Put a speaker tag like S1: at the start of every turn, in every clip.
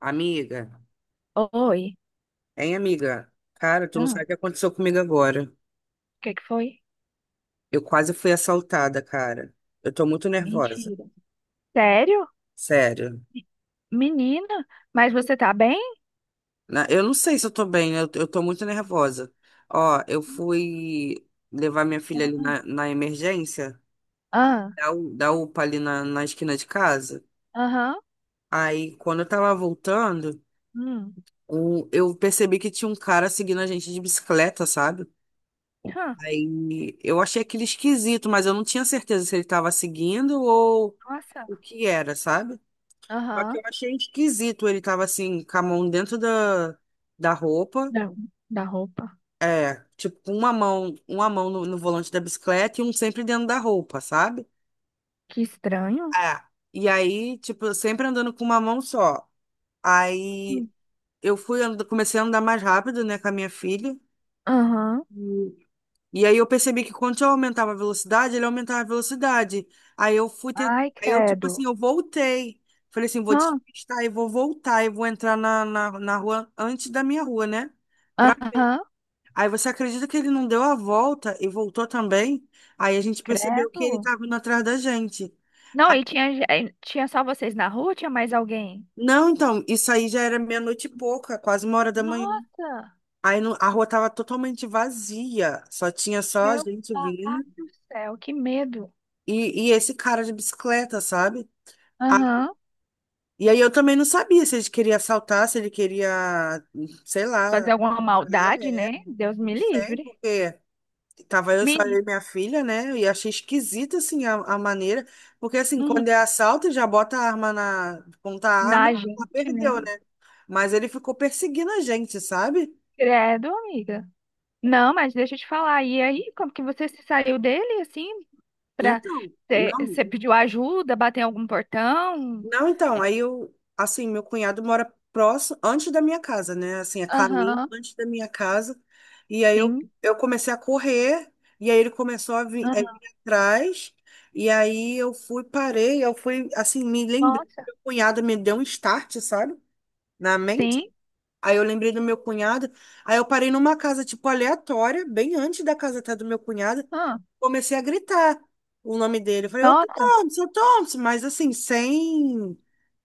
S1: Amiga,
S2: Oi.
S1: hein, amiga? Cara, tu não
S2: Ah,
S1: sabe
S2: o
S1: o que aconteceu comigo agora.
S2: que que foi?
S1: Eu quase fui assaltada, cara. Eu tô muito nervosa.
S2: Mentira. Sério?
S1: Sério.
S2: Menina, mas você tá bem?
S1: Eu não sei se eu tô bem, eu tô muito nervosa. Ó, eu fui levar minha filha ali na emergência,
S2: Ah,
S1: da UPA ali na esquina de casa.
S2: aham.
S1: Aí, quando eu tava voltando,
S2: Hum,
S1: eu percebi que tinha um cara seguindo a gente de bicicleta, sabe?
S2: hã,
S1: Aí eu achei aquele esquisito, mas eu não tinha certeza se ele estava seguindo ou
S2: nossa.
S1: o que era, sabe? Só que eu
S2: Aham.
S1: achei esquisito, ele tava assim, com a mão dentro da roupa,
S2: Da, da roupa.
S1: é, tipo, com uma mão no volante da bicicleta e um sempre dentro da roupa, sabe?
S2: Que estranho.
S1: É. E aí, tipo, eu sempre andando com uma mão só. Aí
S2: Hum,
S1: comecei a andar mais rápido, né, com a minha filha.
S2: Aham.
S1: E aí eu percebi que quando eu aumentava a velocidade, ele aumentava a velocidade. Aí eu fui tent...
S2: Ai,
S1: Aí eu, tipo assim,
S2: credo.
S1: eu voltei. Falei assim, vou
S2: Hã,
S1: despistar e vou voltar e vou entrar na rua antes da minha rua, né? Pra...
S2: aham.
S1: Aí você acredita que ele não deu a volta e voltou também? Aí a gente percebeu que ele
S2: Credo.
S1: estava indo atrás da gente.
S2: Não,
S1: Aí-
S2: e tinha, e tinha só vocês na rua? Tinha mais alguém?
S1: Não, então, isso aí já era meia-noite e pouca, quase uma hora da manhã.
S2: Nossa,
S1: Aí não- A rua tava totalmente vazia, só tinha só a
S2: meu
S1: gente
S2: pai
S1: vindo.
S2: do céu, que medo.
S1: E esse cara de bicicleta, sabe? Ah,
S2: Aham.
S1: e aí eu também não sabia se ele queria assaltar, se ele queria, sei lá,
S2: Fazer alguma maldade,
S1: é,
S2: né? Deus
S1: não
S2: me
S1: sei,
S2: livre.
S1: porque tava eu só eu
S2: Menino,
S1: e minha filha, né? E achei esquisita assim a maneira, porque assim,
S2: uhum.
S1: quando é assalto, já bota a arma na, ponta a
S2: Na
S1: arma, ela
S2: gente, né?
S1: perdeu, né? Mas ele ficou perseguindo a gente, sabe?
S2: Credo, amiga. Não, mas deixa eu te falar. E aí, como que você se saiu dele, assim, pra...
S1: Então,
S2: Você
S1: não.
S2: você pediu ajuda, bateu em algum portão?
S1: Não, então,
S2: É,
S1: aí eu, assim, meu cunhado mora próximo, antes da minha casa, né? Assim, a caminho
S2: aham,
S1: antes da minha casa. E aí eu,
S2: sim.
S1: eu comecei a correr, e aí ele começou a vir, a
S2: Aham.
S1: vir atrás, e aí eu fui, parei, eu fui, assim, me lembrei,
S2: Nossa,
S1: meu cunhado me deu um start, sabe? Na mente.
S2: sim.
S1: Aí eu lembrei do meu cunhado, aí eu parei numa casa, tipo, aleatória, bem antes da casa até do meu cunhado,
S2: Ah,
S1: comecei a gritar o nome dele. Eu falei, ô
S2: nossa.
S1: Thompson, seu Thompson, mas assim, sem,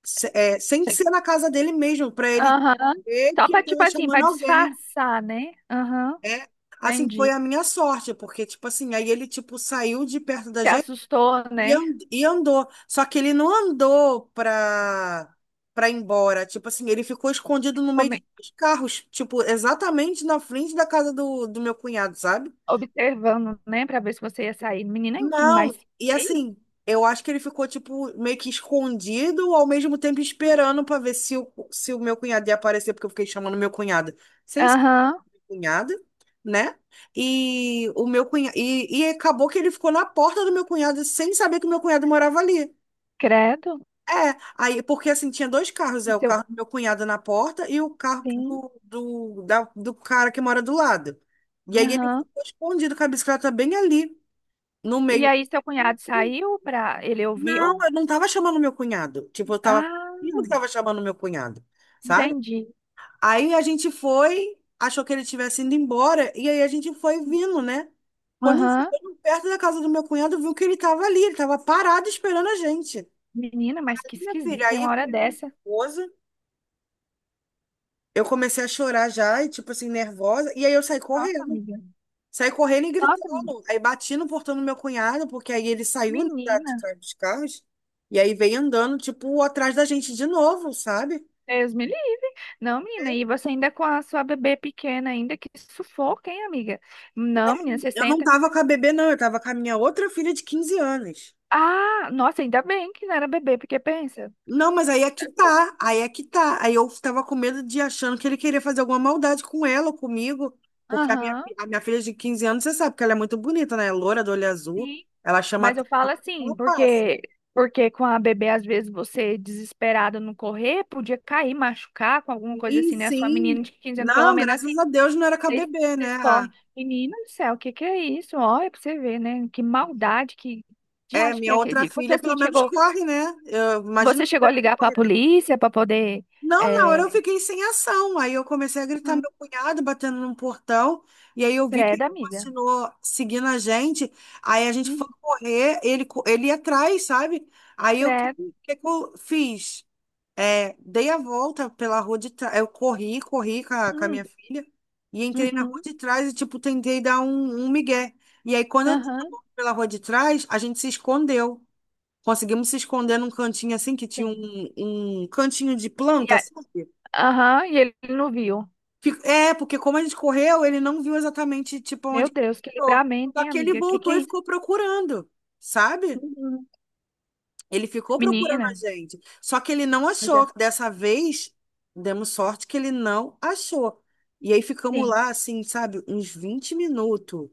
S1: se- é, sem ser na casa dele mesmo, para ele
S2: Aham.
S1: ver
S2: Só
S1: que eu
S2: pra, tipo
S1: tava
S2: assim, pra
S1: chamando alguém.
S2: disfarçar, né? Aham,
S1: É, assim, foi
S2: entendi.
S1: a minha sorte, porque, tipo assim, aí ele, tipo, saiu de perto da
S2: Se
S1: gente
S2: assustou,
S1: e,
S2: né?
S1: and- e andou. Só que ele não andou pra ir embora. Tipo assim, ele ficou escondido no meio
S2: Come-
S1: dos carros, tipo, exatamente na frente da casa do meu cunhado, sabe?
S2: Observando, né? Pra ver se você ia sair. Menina, que
S1: Não,
S2: mais...
S1: e
S2: Que isso?
S1: assim, eu acho que ele ficou, tipo, meio que escondido, ao mesmo tempo esperando pra ver se o meu cunhado ia aparecer, porque eu fiquei chamando meu cunhado sem ser
S2: Aham,
S1: meu cunhado, né? E o meu cunhado. E acabou que ele ficou na porta do meu cunhado sem saber que o meu cunhado morava ali.
S2: credo.
S1: É, aí, porque assim, tinha dois carros,
S2: E
S1: é o
S2: seu...
S1: carro do meu cunhado na porta e o carro
S2: Sim,
S1: do cara que mora do lado. E aí ele
S2: aham.
S1: ficou escondido com a bicicleta bem ali, no
S2: E
S1: meio.
S2: aí seu cunhado saiu pra... Ele
S1: Não,
S2: ouviu?
S1: eu não tava chamando meu cunhado. Tipo, eu tava. Eu
S2: Ah,
S1: não tava chamando meu cunhado, sabe?
S2: entendi.
S1: Aí a gente foi, achou que ele tivesse indo embora, e aí a gente foi vindo, né? Quando a gente
S2: Aham.
S1: chegou perto da casa do meu cunhado, viu que ele tava ali, ele tava parado esperando a gente.
S2: Menina, mas que
S1: Minha filha,
S2: esquisita, tem
S1: aí,
S2: uma hora
S1: como
S2: dessa.
S1: esposa, eu comecei a chorar já, e tipo assim, nervosa, e aí eu saí
S2: Nossa,
S1: correndo.
S2: amiga.
S1: Saí correndo e
S2: Nossa,
S1: gritando. Aí bati no portão do meu cunhado, porque aí ele saiu né, da
S2: menina.
S1: de trás dos carros. E aí veio andando, tipo, atrás da gente de novo, sabe?
S2: Deus me livre. Não, menina, e você ainda com a sua bebê pequena ainda, que sufoco, hein, amiga? Não, menina, você
S1: Eu não
S2: senta.
S1: tava com a bebê, não. Eu tava com a minha outra filha de 15 anos.
S2: Ah, nossa, ainda bem que não era bebê, porque pensa.
S1: Não, mas aí é que tá. Aí é que tá. Aí eu tava com medo de achando que ele queria fazer alguma maldade com ela ou comigo. Porque a minha,
S2: Aham.
S1: fi- a minha filha de 15 anos, você sabe que ela é muito bonita, né? É loura, do olho azul.
S2: Sim.
S1: Ela chama
S2: Mas eu falo
S1: atenção.
S2: assim,
S1: Ela passa.
S2: porque porque com a bebê, às vezes, você desesperado no correr, podia cair, machucar com alguma coisa
S1: Sim,
S2: assim, né? Sua menina
S1: sim.
S2: de 15 anos, pelo
S1: Não,
S2: menos
S1: graças
S2: assim,
S1: a Deus não era
S2: vocês,
S1: KBB, né?
S2: vocês correm.
S1: Ah,
S2: Menina do céu, o que que é isso? Olha pra você ver, né? Que maldade, que de
S1: é,
S2: acho que
S1: minha
S2: é que
S1: outra
S2: existe. Você
S1: filha
S2: assim
S1: pelo menos
S2: chegou,
S1: corre, né? Eu imagino
S2: você
S1: que
S2: chegou a
S1: teve que
S2: ligar pra
S1: correr.
S2: polícia pra poder.
S1: Não, na hora eu
S2: É...
S1: fiquei sem ação. Aí eu comecei a gritar
S2: Hum,
S1: meu cunhado batendo num portão. E aí eu vi que ele
S2: credo, amiga.
S1: continuou seguindo a gente. Aí a gente foi
S2: Hum,
S1: correr, ele ia atrás, sabe? Aí eu,
S2: credo.
S1: que eu fiz? É, dei a volta pela rua de trás. Eu corri, corri com a,
S2: Hum,
S1: minha filha e entrei na rua
S2: uhum,
S1: de trás e, tipo, tentei dar um migué. E aí, quando eu dei a
S2: aham,
S1: volta pela rua de trás, a gente se escondeu. Conseguimos se esconder num cantinho assim, que tinha
S2: sim.
S1: um cantinho de
S2: E
S1: planta,
S2: a-
S1: sabe?
S2: Aham, e ele não viu.
S1: Porque como a gente correu, ele não viu exatamente, tipo,
S2: Meu
S1: onde que
S2: Deus, que
S1: entrou.
S2: livramento,
S1: Só
S2: hein,
S1: que ele
S2: amiga? Que
S1: voltou
S2: é
S1: e
S2: isso?
S1: ficou procurando, sabe?
S2: Uhum.
S1: Ele ficou procurando a
S2: Menina,
S1: gente. Só que ele não
S2: eu
S1: achou.
S2: já
S1: Dessa vez, demos sorte que ele não achou. E aí ficamos
S2: sim.
S1: lá, assim, sabe, uns 20 minutos.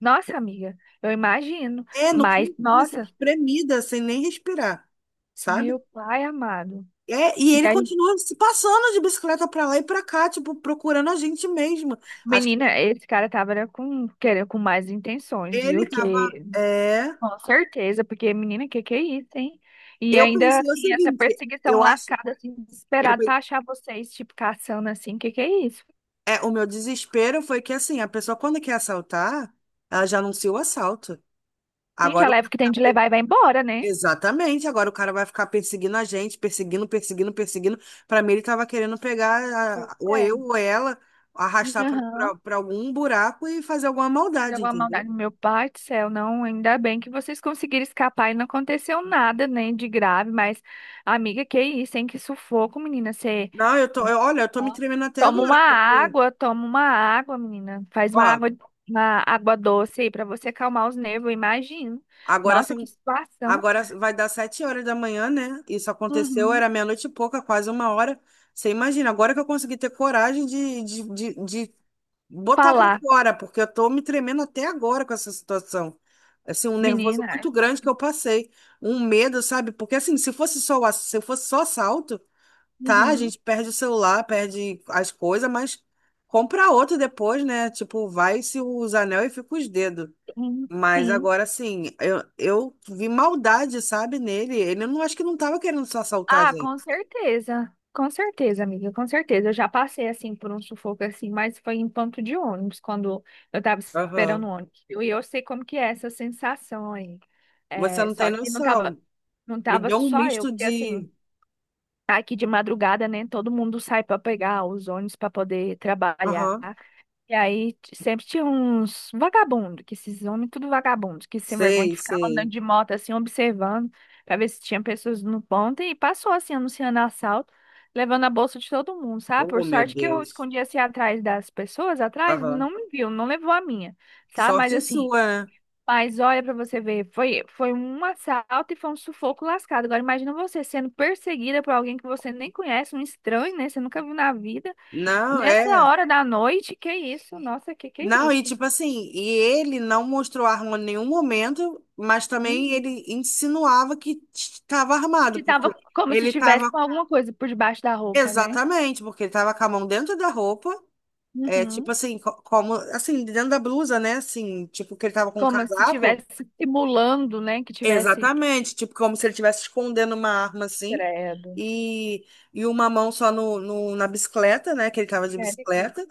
S2: Nossa, amiga, eu imagino.
S1: É, no
S2: Mas,
S1: cantinho, assim,
S2: nossa,
S1: espremida, sem nem respirar, sabe?
S2: meu pai amado.
S1: É, e
S2: E
S1: ele
S2: aí,
S1: continua se passando de bicicleta pra lá e pra cá, tipo, procurando a gente mesmo. Acho que
S2: menina, esse cara tava era com, querendo, com mais intenções,
S1: ele
S2: viu?
S1: tava.
S2: Que,
S1: É.
S2: com certeza, porque, menina, que é isso, hein? E
S1: Eu
S2: ainda
S1: pensei o
S2: assim, essa
S1: seguinte,
S2: perseguição
S1: eu acho.
S2: lascada, assim,
S1: eu
S2: desesperada
S1: pe-
S2: pra achar vocês, tipo, caçando assim, que é isso?
S1: o meu desespero foi que, assim, a pessoa, quando quer assaltar, ela já anuncia o assalto.
S2: Sim, já
S1: Agora,
S2: leva o que tem de levar e vai embora, né?
S1: exatamente, agora o cara vai ficar perseguindo a gente, perseguindo, perseguindo, perseguindo. Pra mim, ele tava querendo pegar
S2: Pois
S1: ou
S2: é.
S1: eu ou ela, arrastar pra
S2: Aham.
S1: pra- pra algum buraco e fazer alguma
S2: Mas
S1: maldade,
S2: alguma
S1: entendeu?
S2: maldade. Meu pai do céu, não. Ainda bem que vocês conseguiram escapar e não aconteceu nada, né, de grave. Mas, amiga, que isso, hein? Que sufoco, menina. Você
S1: Não, eu tô,
S2: não.
S1: olha, eu tô me tremendo até
S2: Toma uma
S1: agora, porque,
S2: água, toma uma água, menina. Faz
S1: ó,
S2: uma água doce aí pra você acalmar os nervos, eu imagino.
S1: agora
S2: Nossa, que
S1: são,
S2: situação.
S1: agora vai dar 7 horas da manhã, né? Isso aconteceu,
S2: Uhum.
S1: era meia-noite e pouca, quase uma hora. Você imagina, agora que eu consegui ter coragem de botar pra
S2: Falar,
S1: fora, porque eu tô me tremendo até agora com essa situação. Assim, um nervoso
S2: menina.
S1: muito grande que eu passei, um medo, sabe? Porque assim, se fosse só o ass- se fosse só assalto, tá, a
S2: Uhum.
S1: gente perde o celular, perde as coisas, mas compra outro depois, né? Tipo, vai se os anel e fica os dedos.
S2: Sim.
S1: Mas
S2: Sim.
S1: agora assim, eu vi maldade, sabe, nele. Ele não acho que não tava querendo só assaltar a
S2: Ah,
S1: gente.
S2: com certeza. Com certeza, amiga, com certeza. Eu já passei assim por um sufoco assim, mas foi em ponto de ônibus, quando eu tava esperando
S1: Aham.
S2: o ônibus. E eu sei como que é essa sensação aí.
S1: Você
S2: É,
S1: não tem
S2: só que não tava,
S1: noção.
S2: não
S1: Me
S2: tava
S1: deu um
S2: só eu,
S1: misto
S2: porque assim,
S1: de.
S2: tá aqui de madrugada, né, todo mundo sai para pegar os ônibus para poder trabalhar.
S1: Aham.
S2: E aí t- sempre tinha uns vagabundos, que esses homens tudo vagabundos, que sem vergonha,
S1: Sei,
S2: que ficavam andando
S1: sei.
S2: de moto assim, observando, pra ver se tinha pessoas no ponto, e passou assim, anunciando assalto, levando a bolsa de todo mundo, sabe?
S1: Oh,
S2: Por
S1: meu
S2: sorte que eu
S1: Deus.
S2: escondi assim atrás das pessoas, atrás,
S1: Aham.
S2: não me viu, não levou a minha, sabe? Mas
S1: Sorte
S2: assim,
S1: sua, né?
S2: mas olha pra você ver, foi, foi um assalto e foi um sufoco lascado. Agora imagina você sendo perseguida por alguém que você nem conhece, um estranho, né? Você nunca viu na vida.
S1: Não,
S2: Nessa
S1: é.
S2: hora da noite, que isso? Nossa, que é
S1: Não, e
S2: isso?
S1: tipo assim, e ele não mostrou arma em nenhum momento, mas também
S2: Uhum.
S1: ele insinuava que estava armado,
S2: Que tava
S1: porque
S2: como se
S1: ele
S2: tivesse
S1: estava.
S2: com alguma coisa por debaixo da roupa, né?
S1: Exatamente, porque ele estava com a mão dentro da roupa, tipo
S2: Uhum.
S1: assim, como, assim, dentro da blusa, né? Assim, tipo que ele estava com um
S2: Como se
S1: casaco.
S2: tivesse simulando, né? Que tivesse.
S1: Exatamente, tipo, como se ele estivesse escondendo uma arma assim,
S2: Credo.
S1: e, e uma mão só no, na bicicleta, né? Que ele tava de
S2: Credo.
S1: bicicleta,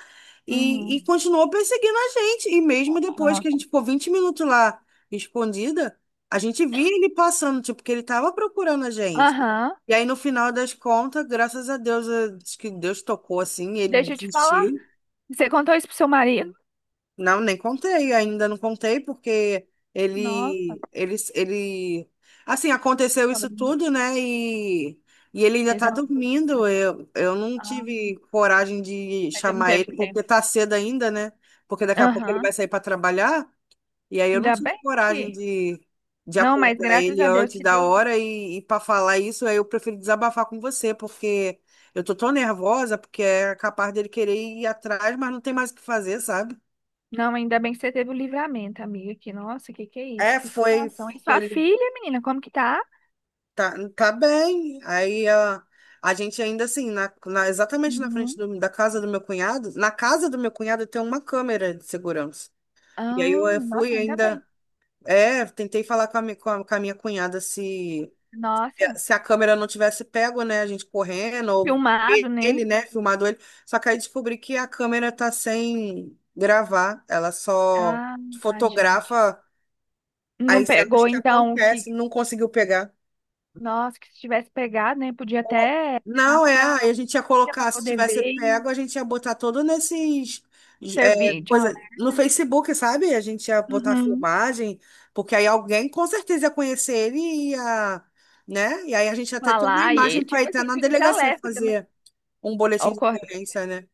S1: e
S2: Uhum.
S1: continuou perseguindo a gente. E mesmo depois que a
S2: Ó.
S1: gente ficou 20 minutos lá escondida, a gente via ele passando, tipo, que ele tava procurando a gente.
S2: Aham.
S1: E aí, no final das contas, graças a Deus, acho que Deus tocou assim, ele
S2: Deixa eu te falar.
S1: desistiu.
S2: Você contou isso pro seu marido?
S1: Não, nem contei, ainda não contei, porque
S2: Nossa,
S1: ele, assim, aconteceu
S2: tava...
S1: isso tudo, né? E ele ainda
S2: ele
S1: tá
S2: tava.
S1: dormindo. Eu não
S2: Ah,
S1: tive coragem de
S2: mas não
S1: chamar
S2: teve
S1: ele,
S2: tempo.
S1: porque tá cedo ainda, né? Porque daqui a pouco ele vai
S2: Aham.
S1: sair para trabalhar, e aí eu não
S2: Ainda
S1: tive
S2: bem
S1: coragem
S2: que.
S1: de
S2: Não, mas
S1: acordar
S2: graças
S1: ele
S2: a Deus
S1: antes
S2: que
S1: da
S2: Deus
S1: hora e para falar isso, aí eu prefiro desabafar com você, porque eu tô tão nervosa, porque é capaz dele querer ir atrás, mas não tem mais o que fazer, sabe?
S2: não, ainda bem que você teve o livramento, amiga. Que, nossa, que é isso?
S1: É,
S2: Que
S1: foi,
S2: situação. E sua
S1: foi,
S2: filha, menina, como que tá?
S1: tá, tá bem. Aí a gente ainda assim, exatamente na frente
S2: Uhum.
S1: da casa do meu cunhado, na casa do meu cunhado tem uma câmera de segurança. E aí eu
S2: Ah, nossa,
S1: fui
S2: ainda bem.
S1: ainda, tentei falar com a minha cunhada se,
S2: Nossa,
S1: se a câmera não tivesse pego, né, a gente correndo, ou
S2: filmado, né?
S1: ele, né, filmado ele. Só que aí descobri que a câmera tá sem gravar, ela só
S2: Ah, ai, gente.
S1: fotografa
S2: Não
S1: as cenas
S2: pegou,
S1: que
S2: então, que.
S1: acontecem, não conseguiu pegar.
S2: Nossa, que se tivesse pegado, né? Podia até levar
S1: Não, é, aí
S2: pra,
S1: a gente ia
S2: pra
S1: colocar, se
S2: poder
S1: tivesse
S2: ver e
S1: pego, a gente ia botar todo nesses,
S2: servir de
S1: coisa, no
S2: alerta.
S1: Facebook, sabe? A gente ia botar
S2: Uhum.
S1: filmagem, porque aí alguém com certeza ia conhecer ele e ia, né? E aí a gente ia até ter uma
S2: Falar. E,
S1: imagem para ir
S2: tipo
S1: até
S2: assim,
S1: na
S2: fica de
S1: delegacia
S2: alerta também.
S1: fazer um boletim de ocorrência, né?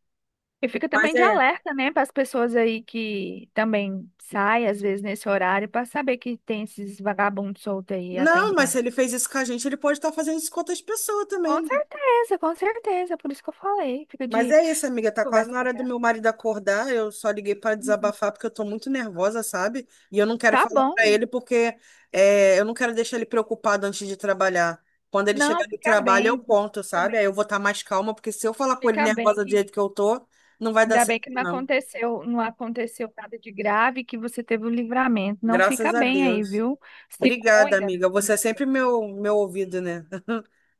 S2: E fica
S1: Mas
S2: também de
S1: é.
S2: alerta, né, para as pessoas aí que também saem, às vezes, nesse horário, para saber que tem esses vagabundos soltos aí
S1: Não, mas se
S2: atentando.
S1: ele fez isso com a gente, ele pode estar fazendo isso com outras pessoas também.
S2: Com certeza, por isso que eu falei. Fica
S1: Mas
S2: de
S1: é isso, amiga. Tá quase
S2: conversa
S1: na
S2: com
S1: hora do
S2: ela.
S1: meu marido acordar. Eu só liguei para
S2: Uhum.
S1: desabafar porque eu tô muito nervosa, sabe? E eu não quero
S2: Tá
S1: falar para
S2: bom.
S1: ele porque eu não quero deixar ele preocupado antes de trabalhar. Quando ele
S2: Não,
S1: chegar do
S2: fica
S1: trabalho, eu
S2: bem,
S1: conto,
S2: fica
S1: sabe?
S2: bem,
S1: Aí eu vou estar mais calma, porque se eu falar com ele
S2: fica bem
S1: nervosa do
S2: que
S1: jeito que eu tô, não vai dar
S2: ainda bem
S1: certo,
S2: que não
S1: não.
S2: aconteceu, não aconteceu nada de grave, que você teve o livramento. Não
S1: Graças
S2: fica
S1: a
S2: bem aí,
S1: Deus.
S2: viu? Se
S1: Obrigada,
S2: cuida,
S1: amiga.
S2: amiga.
S1: Você é sempre meu ouvido, né?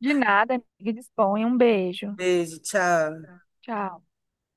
S2: De nada, amiga. Disponha. Um beijo.
S1: Beijo, tchau.
S2: Tchau.